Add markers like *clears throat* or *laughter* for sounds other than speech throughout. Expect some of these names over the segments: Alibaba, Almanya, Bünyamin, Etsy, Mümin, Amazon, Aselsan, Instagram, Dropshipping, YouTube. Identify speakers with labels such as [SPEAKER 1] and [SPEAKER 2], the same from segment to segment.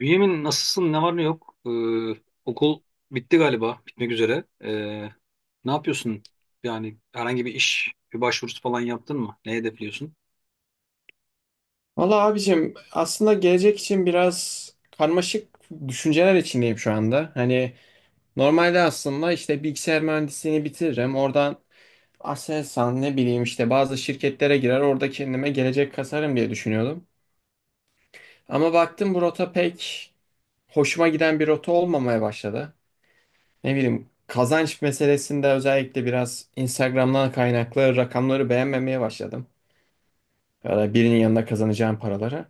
[SPEAKER 1] Bünyamin, nasılsın? Ne var ne yok? Okul bitti galiba. Bitmek üzere. Ne yapıyorsun? Yani herhangi bir iş, bir başvurusu falan yaptın mı? Ne hedefliyorsun?
[SPEAKER 2] Valla abicim aslında gelecek için biraz karmaşık düşünceler içindeyim şu anda. Hani normalde aslında işte bilgisayar mühendisliğini bitiririm. Oradan Aselsan ne bileyim işte bazı şirketlere girer orada kendime gelecek kasarım diye düşünüyordum. Ama baktım bu rota pek hoşuma giden bir rota olmamaya başladı. Ne bileyim kazanç meselesinde özellikle biraz Instagram'dan kaynaklı rakamları beğenmemeye başladım, ya da birinin yanında kazanacağım paraları.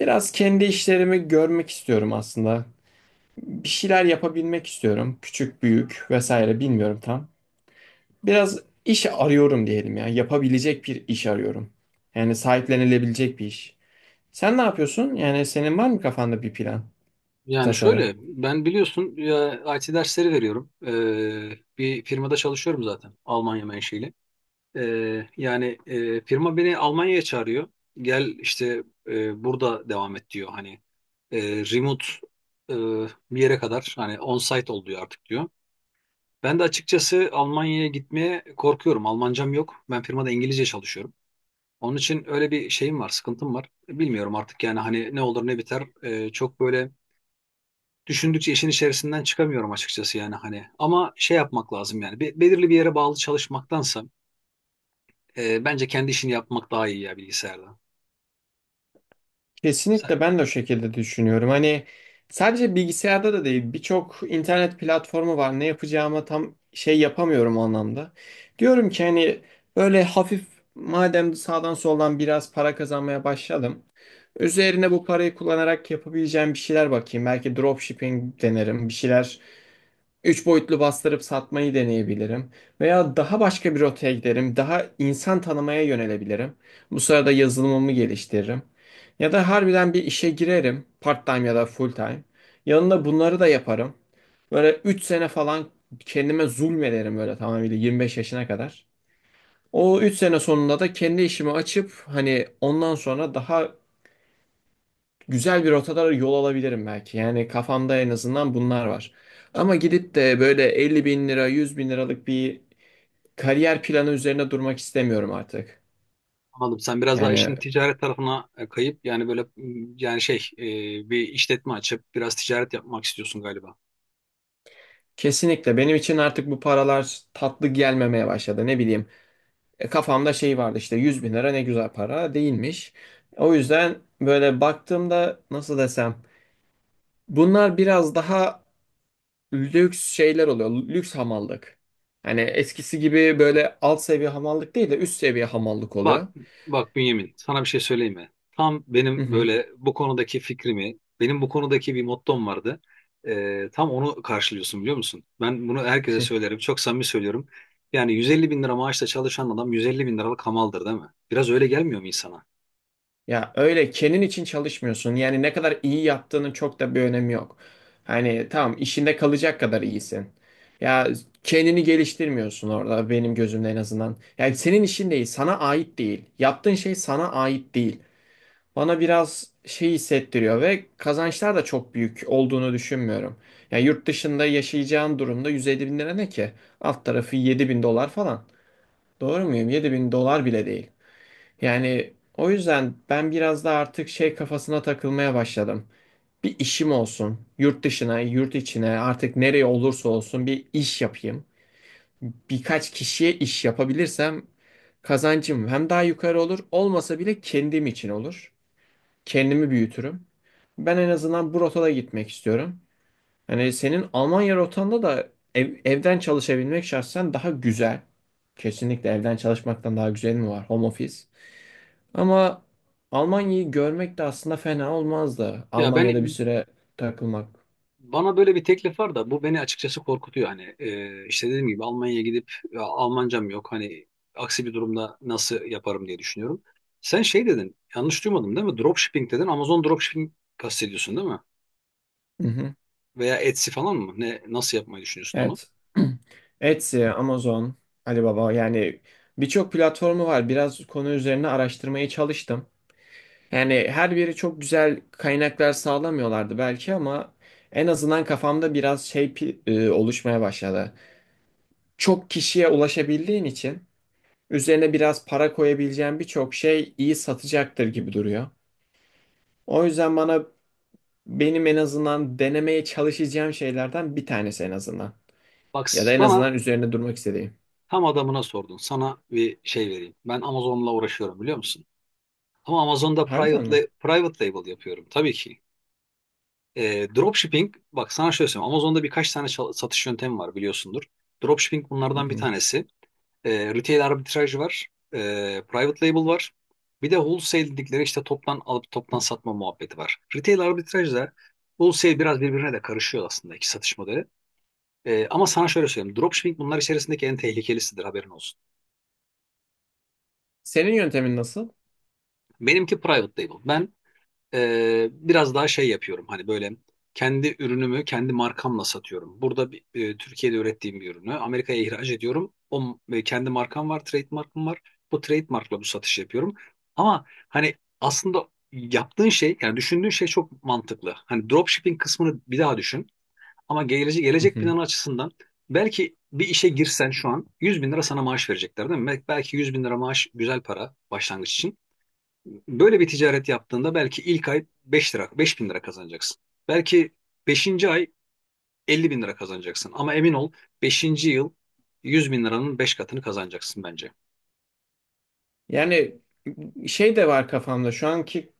[SPEAKER 2] Biraz kendi işlerimi görmek istiyorum aslında. Bir şeyler yapabilmek istiyorum. Küçük, büyük vesaire bilmiyorum tam. Biraz iş arıyorum diyelim ya. Yapabilecek bir iş arıyorum. Yani sahiplenilebilecek bir iş. Sen ne yapıyorsun? Yani senin var mı kafanda bir plan, bir
[SPEAKER 1] Yani
[SPEAKER 2] tasarı?
[SPEAKER 1] şöyle, ben biliyorsun ya, IT dersleri veriyorum. Bir firmada çalışıyorum zaten. Almanya menşeli. Yani firma beni Almanya'ya çağırıyor. Gel işte burada devam et diyor. Hani remote, e, bir yere kadar hani on-site ol diyor artık diyor. Ben de açıkçası Almanya'ya gitmeye korkuyorum. Almancam yok. Ben firmada İngilizce çalışıyorum. Onun için öyle bir şeyim var, sıkıntım var. Bilmiyorum artık yani hani ne olur ne biter. Çok böyle düşündükçe işin içerisinden çıkamıyorum açıkçası yani hani. Ama şey yapmak lazım yani. Belirli bir yere bağlı çalışmaktansa bence kendi işini yapmak daha iyi ya bilgisayarda. Sen,
[SPEAKER 2] Kesinlikle ben de o şekilde düşünüyorum. Hani sadece bilgisayarda da değil birçok internet platformu var. Ne yapacağımı tam şey yapamıyorum o anlamda. Diyorum ki hani böyle hafif madem sağdan soldan biraz para kazanmaya başladım. Üzerine bu parayı kullanarak yapabileceğim bir şeyler bakayım. Belki dropshipping denerim. Bir şeyler. Üç boyutlu bastırıp satmayı deneyebilirim. Veya daha başka bir rotaya giderim. Daha insan tanımaya yönelebilirim. Bu sırada yazılımımı geliştiririm. Ya da harbiden bir işe girerim. Part time ya da full time. Yanında bunları da yaparım. Böyle 3 sene falan kendime zulmederim böyle tamamıyla 25 yaşına kadar. O 3 sene sonunda da kendi işimi açıp hani ondan sonra daha güzel bir rotalara yol alabilirim belki. Yani kafamda en azından bunlar var. Ama gidip de böyle 50 bin lira, 100 bin liralık bir kariyer planı üzerine durmak istemiyorum artık.
[SPEAKER 1] Anladım. Sen biraz daha
[SPEAKER 2] Yani
[SPEAKER 1] işin ticaret tarafına kayıp yani yani bir işletme açıp biraz ticaret yapmak istiyorsun galiba.
[SPEAKER 2] kesinlikle benim için artık bu paralar tatlı gelmemeye başladı. Ne bileyim kafamda şey vardı işte 100 bin lira ne güzel para değilmiş. O yüzden böyle baktığımda nasıl desem bunlar biraz daha lüks şeyler oluyor. Lüks hamallık. Hani eskisi gibi böyle alt seviye hamallık değil de üst seviye hamallık
[SPEAKER 1] Bak,
[SPEAKER 2] oluyor.
[SPEAKER 1] Bak Bünyamin, sana bir şey söyleyeyim mi? Tam
[SPEAKER 2] Hı
[SPEAKER 1] benim
[SPEAKER 2] hı.
[SPEAKER 1] böyle bu konudaki benim bu konudaki bir mottom vardı. Tam onu karşılıyorsun biliyor musun? Ben bunu herkese söylerim, çok samimi söylüyorum. Yani 150 bin lira maaşla çalışan adam 150 bin liralık hamaldır, değil mi? Biraz öyle gelmiyor mu insana?
[SPEAKER 2] Ya öyle kendin için çalışmıyorsun. Yani ne kadar iyi yaptığının çok da bir önemi yok. Hani tamam işinde kalacak kadar iyisin. Ya kendini geliştirmiyorsun orada benim gözümde en azından. Yani senin işin değil, sana ait değil. Yaptığın şey sana ait değil. Bana biraz şey hissettiriyor ve kazançlar da çok büyük olduğunu düşünmüyorum. Yani yurt dışında yaşayacağın durumda 150 bin lira ne ki? Alt tarafı 7 bin dolar falan. Doğru muyum? 7 bin dolar bile değil. Yani o yüzden ben biraz da artık şey kafasına takılmaya başladım. Bir işim olsun. Yurt dışına, yurt içine artık nereye olursa olsun bir iş yapayım. Birkaç kişiye iş yapabilirsem kazancım hem daha yukarı olur, olmasa bile kendim için olur. Kendimi büyütürüm. Ben en azından bu rotada gitmek istiyorum. Hani senin Almanya rotanda da evden çalışabilmek şahsen daha güzel. Kesinlikle evden çalışmaktan daha güzel mi var? Home office. Ama Almanya'yı görmek de aslında fena olmazdı.
[SPEAKER 1] Ya ben
[SPEAKER 2] Almanya'da bir süre takılmak.
[SPEAKER 1] Bana böyle bir teklif var da bu beni açıkçası korkutuyor. Hani işte dediğim gibi Almanya'ya gidip ya Almancam yok. Hani aksi bir durumda nasıl yaparım diye düşünüyorum. Sen şey dedin, yanlış duymadım değil mi? Dropshipping dedin. Amazon dropshipping kastediyorsun değil mi?
[SPEAKER 2] Hı hı.
[SPEAKER 1] Veya Etsy falan mı? Nasıl yapmayı düşünüyorsun onu?
[SPEAKER 2] Evet. *clears throat* Etsy, Amazon, Alibaba yani birçok platformu var. Biraz konu üzerine araştırmaya çalıştım. Yani her biri çok güzel kaynaklar sağlamıyorlardı belki ama en azından kafamda biraz şey oluşmaya başladı. Çok kişiye ulaşabildiğin için üzerine biraz para koyabileceğin birçok şey iyi satacaktır gibi duruyor. O yüzden bana benim en azından denemeye çalışacağım şeylerden bir tanesi en azından.
[SPEAKER 1] Bak,
[SPEAKER 2] Ya da en
[SPEAKER 1] sana
[SPEAKER 2] azından üzerine durmak istediğim.
[SPEAKER 1] tam adamına sordun. Sana bir şey vereyim. Ben Amazon'la uğraşıyorum biliyor musun? Ama Amazon'da
[SPEAKER 2] Harbiden mi?
[SPEAKER 1] private label yapıyorum tabii ki. Dropshipping, bak sana şöyle söyleyeyim. Amazon'da birkaç tane satış yöntemi var biliyorsundur. Dropshipping
[SPEAKER 2] Hı
[SPEAKER 1] bunlardan bir
[SPEAKER 2] hı.
[SPEAKER 1] tanesi. Retail arbitraj var. E, Private label var. Bir de wholesale dedikleri işte toptan alıp toptan satma muhabbeti var. Retail arbitraj da wholesale biraz birbirine de karışıyor aslında, iki satış modeli. Ama sana şöyle söyleyeyim. Dropshipping bunlar içerisindeki en tehlikelisidir, haberin olsun.
[SPEAKER 2] Senin yöntemin nasıl?
[SPEAKER 1] Benimki private label. Ben Biraz daha şey yapıyorum hani böyle kendi ürünümü kendi markamla satıyorum. Burada Türkiye'de ürettiğim bir ürünü Amerika'ya ihraç ediyorum. O kendi markam var, trademark'ım var. Bu trademark'la bu satışı yapıyorum. Ama hani aslında yaptığın şey yani düşündüğün şey çok mantıklı. Hani dropshipping kısmını bir daha düşün. Ama
[SPEAKER 2] Hı
[SPEAKER 1] gelecek
[SPEAKER 2] hı.
[SPEAKER 1] planı açısından belki bir işe girsen şu an 100 bin lira sana maaş verecekler, değil mi? Belki 100 bin lira maaş güzel para başlangıç için. Böyle bir ticaret yaptığında belki ilk ay 5 lira, 5 bin lira kazanacaksın. Belki beşinci ay 50 bin lira kazanacaksın. Ama emin ol, beşinci yıl 100 bin liranın 5 katını kazanacaksın bence.
[SPEAKER 2] Yani şey de var kafamda şu anki.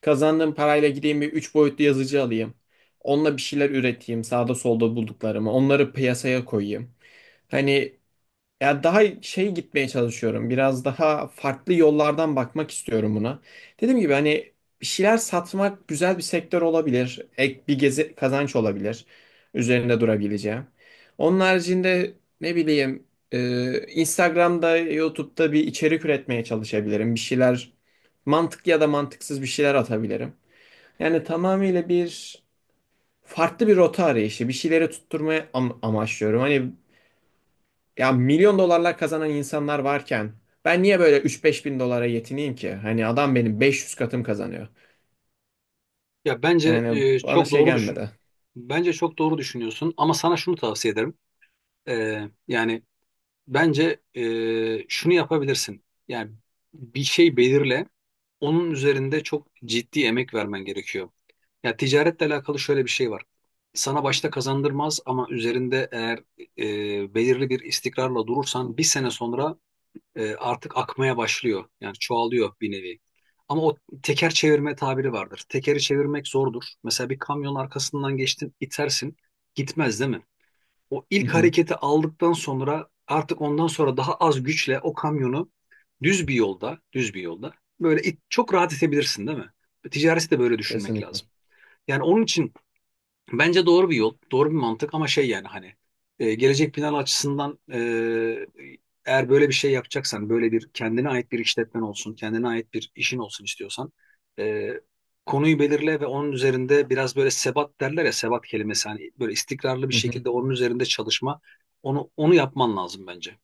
[SPEAKER 2] Kazandığım parayla gideyim bir 3 boyutlu yazıcı alayım. Onunla bir şeyler üreteyim sağda solda bulduklarımı. Onları piyasaya koyayım. Hani ya daha şey gitmeye çalışıyorum. Biraz daha farklı yollardan bakmak istiyorum buna. Dediğim gibi hani bir şeyler satmak güzel bir sektör olabilir. Ek bir gezi kazanç olabilir. Üzerinde durabileceğim. Onun haricinde ne bileyim Instagram'da, YouTube'da bir içerik üretmeye çalışabilirim. Bir şeyler mantıklı ya da mantıksız bir şeyler atabilirim. Yani tamamıyla bir farklı bir rota arayışı, bir şeyleri tutturmaya amaçlıyorum. Hani ya milyon dolarlar kazanan insanlar varken ben niye böyle üç beş bin dolara yetineyim ki? Hani adam benim 500 katım kazanıyor.
[SPEAKER 1] Ya bence
[SPEAKER 2] Yani bana
[SPEAKER 1] çok
[SPEAKER 2] şey
[SPEAKER 1] doğru düşün.
[SPEAKER 2] gelmedi.
[SPEAKER 1] Bence çok doğru düşünüyorsun ama sana şunu tavsiye ederim. Yani bence şunu yapabilirsin. Yani bir şey belirle, onun üzerinde çok ciddi emek vermen gerekiyor. Ya ticaretle alakalı şöyle bir şey var. Sana başta kazandırmaz ama üzerinde eğer belirli bir istikrarla durursan bir sene sonra artık akmaya başlıyor. Yani çoğalıyor bir nevi. Ama o teker çevirme tabiri vardır. Tekeri çevirmek zordur. Mesela bir kamyonun arkasından geçtin, itersin, gitmez değil mi? O
[SPEAKER 2] Hı
[SPEAKER 1] ilk
[SPEAKER 2] hı,
[SPEAKER 1] hareketi aldıktan sonra artık ondan sonra daha az güçle o kamyonu düz bir yolda böyle it, çok rahat itebilirsin değil mi? Ticareti de böyle düşünmek
[SPEAKER 2] kesinlikle.
[SPEAKER 1] lazım. Yani onun için bence doğru bir yol, doğru bir mantık ama şey yani hani gelecek planı açısından eğer böyle bir şey yapacaksan, böyle bir kendine ait bir işletmen olsun, kendine ait bir işin olsun istiyorsan e, konuyu belirle ve onun üzerinde biraz böyle sebat derler ya sebat kelimesi hani böyle istikrarlı bir
[SPEAKER 2] Hı hı.
[SPEAKER 1] şekilde onun üzerinde çalışma, onu yapman lazım bence.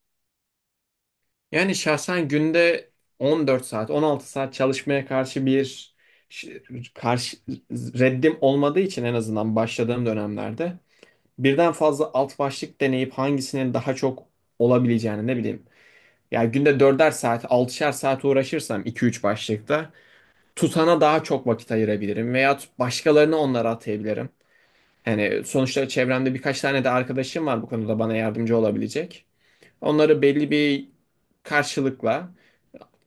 [SPEAKER 2] Yani şahsen günde 14 saat, 16 saat çalışmaya karşı bir ş- karşı reddim olmadığı için en azından başladığım dönemlerde birden fazla alt başlık deneyip hangisinin daha çok olabileceğini ne bileyim. Ya günde 4'er saat, 6'şer saat uğraşırsam iki üç başlıkta tutana daha çok vakit ayırabilirim veya başkalarını onlara atayabilirim. Yani sonuçta çevremde birkaç tane de arkadaşım var bu konuda bana yardımcı olabilecek. Onları belli bir karşılıkla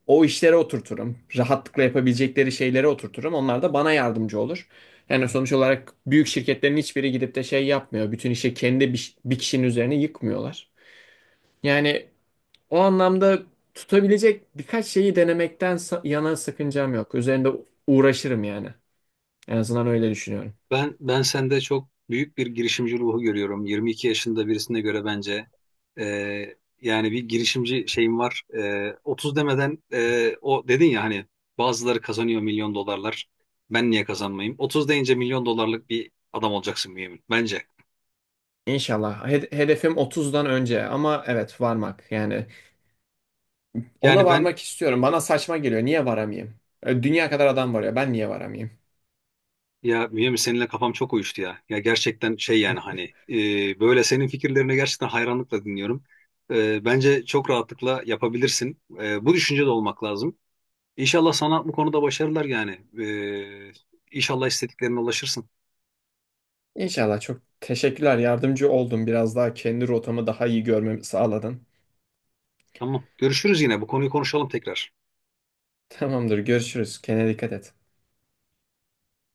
[SPEAKER 2] o işlere oturturum. Rahatlıkla yapabilecekleri şeylere oturturum. Onlar da bana yardımcı olur. Yani sonuç olarak büyük şirketlerin hiçbiri gidip de şey yapmıyor. Bütün işi kendi bir kişinin üzerine yıkmıyorlar. Yani o anlamda tutabilecek birkaç şeyi denemekten yana sakıncam yok. Üzerinde uğraşırım yani. En azından öyle düşünüyorum.
[SPEAKER 1] Ben sende çok büyük bir girişimci ruhu görüyorum. 22 yaşında birisine göre bence yani bir girişimci şeyim var. 30 demeden o dedin ya hani bazıları kazanıyor milyon dolarlar. Ben niye kazanmayayım? 30 deyince milyon dolarlık bir adam olacaksın Mümin bence.
[SPEAKER 2] İnşallah. Hedefim 30'dan önce ama evet varmak yani. Ona
[SPEAKER 1] Yani ben
[SPEAKER 2] varmak istiyorum. Bana saçma geliyor. Niye varamayayım? Dünya kadar adam var ya. Ben niye varamayayım?
[SPEAKER 1] ya Mümin, seninle kafam çok uyuştu ya. Ya gerçekten şey yani hani böyle senin fikirlerini gerçekten hayranlıkla dinliyorum. Bence çok rahatlıkla yapabilirsin. Bu düşüncede olmak lazım. İnşallah sana bu konuda başarılar yani. Ee, inşallah istediklerine ulaşırsın.
[SPEAKER 2] İnşallah çok teşekkürler. Yardımcı oldun. Biraz daha kendi rotamı daha iyi görmemi sağladın.
[SPEAKER 1] Tamam. Görüşürüz yine. Bu konuyu konuşalım tekrar.
[SPEAKER 2] Tamamdır. Görüşürüz. Kendine dikkat et.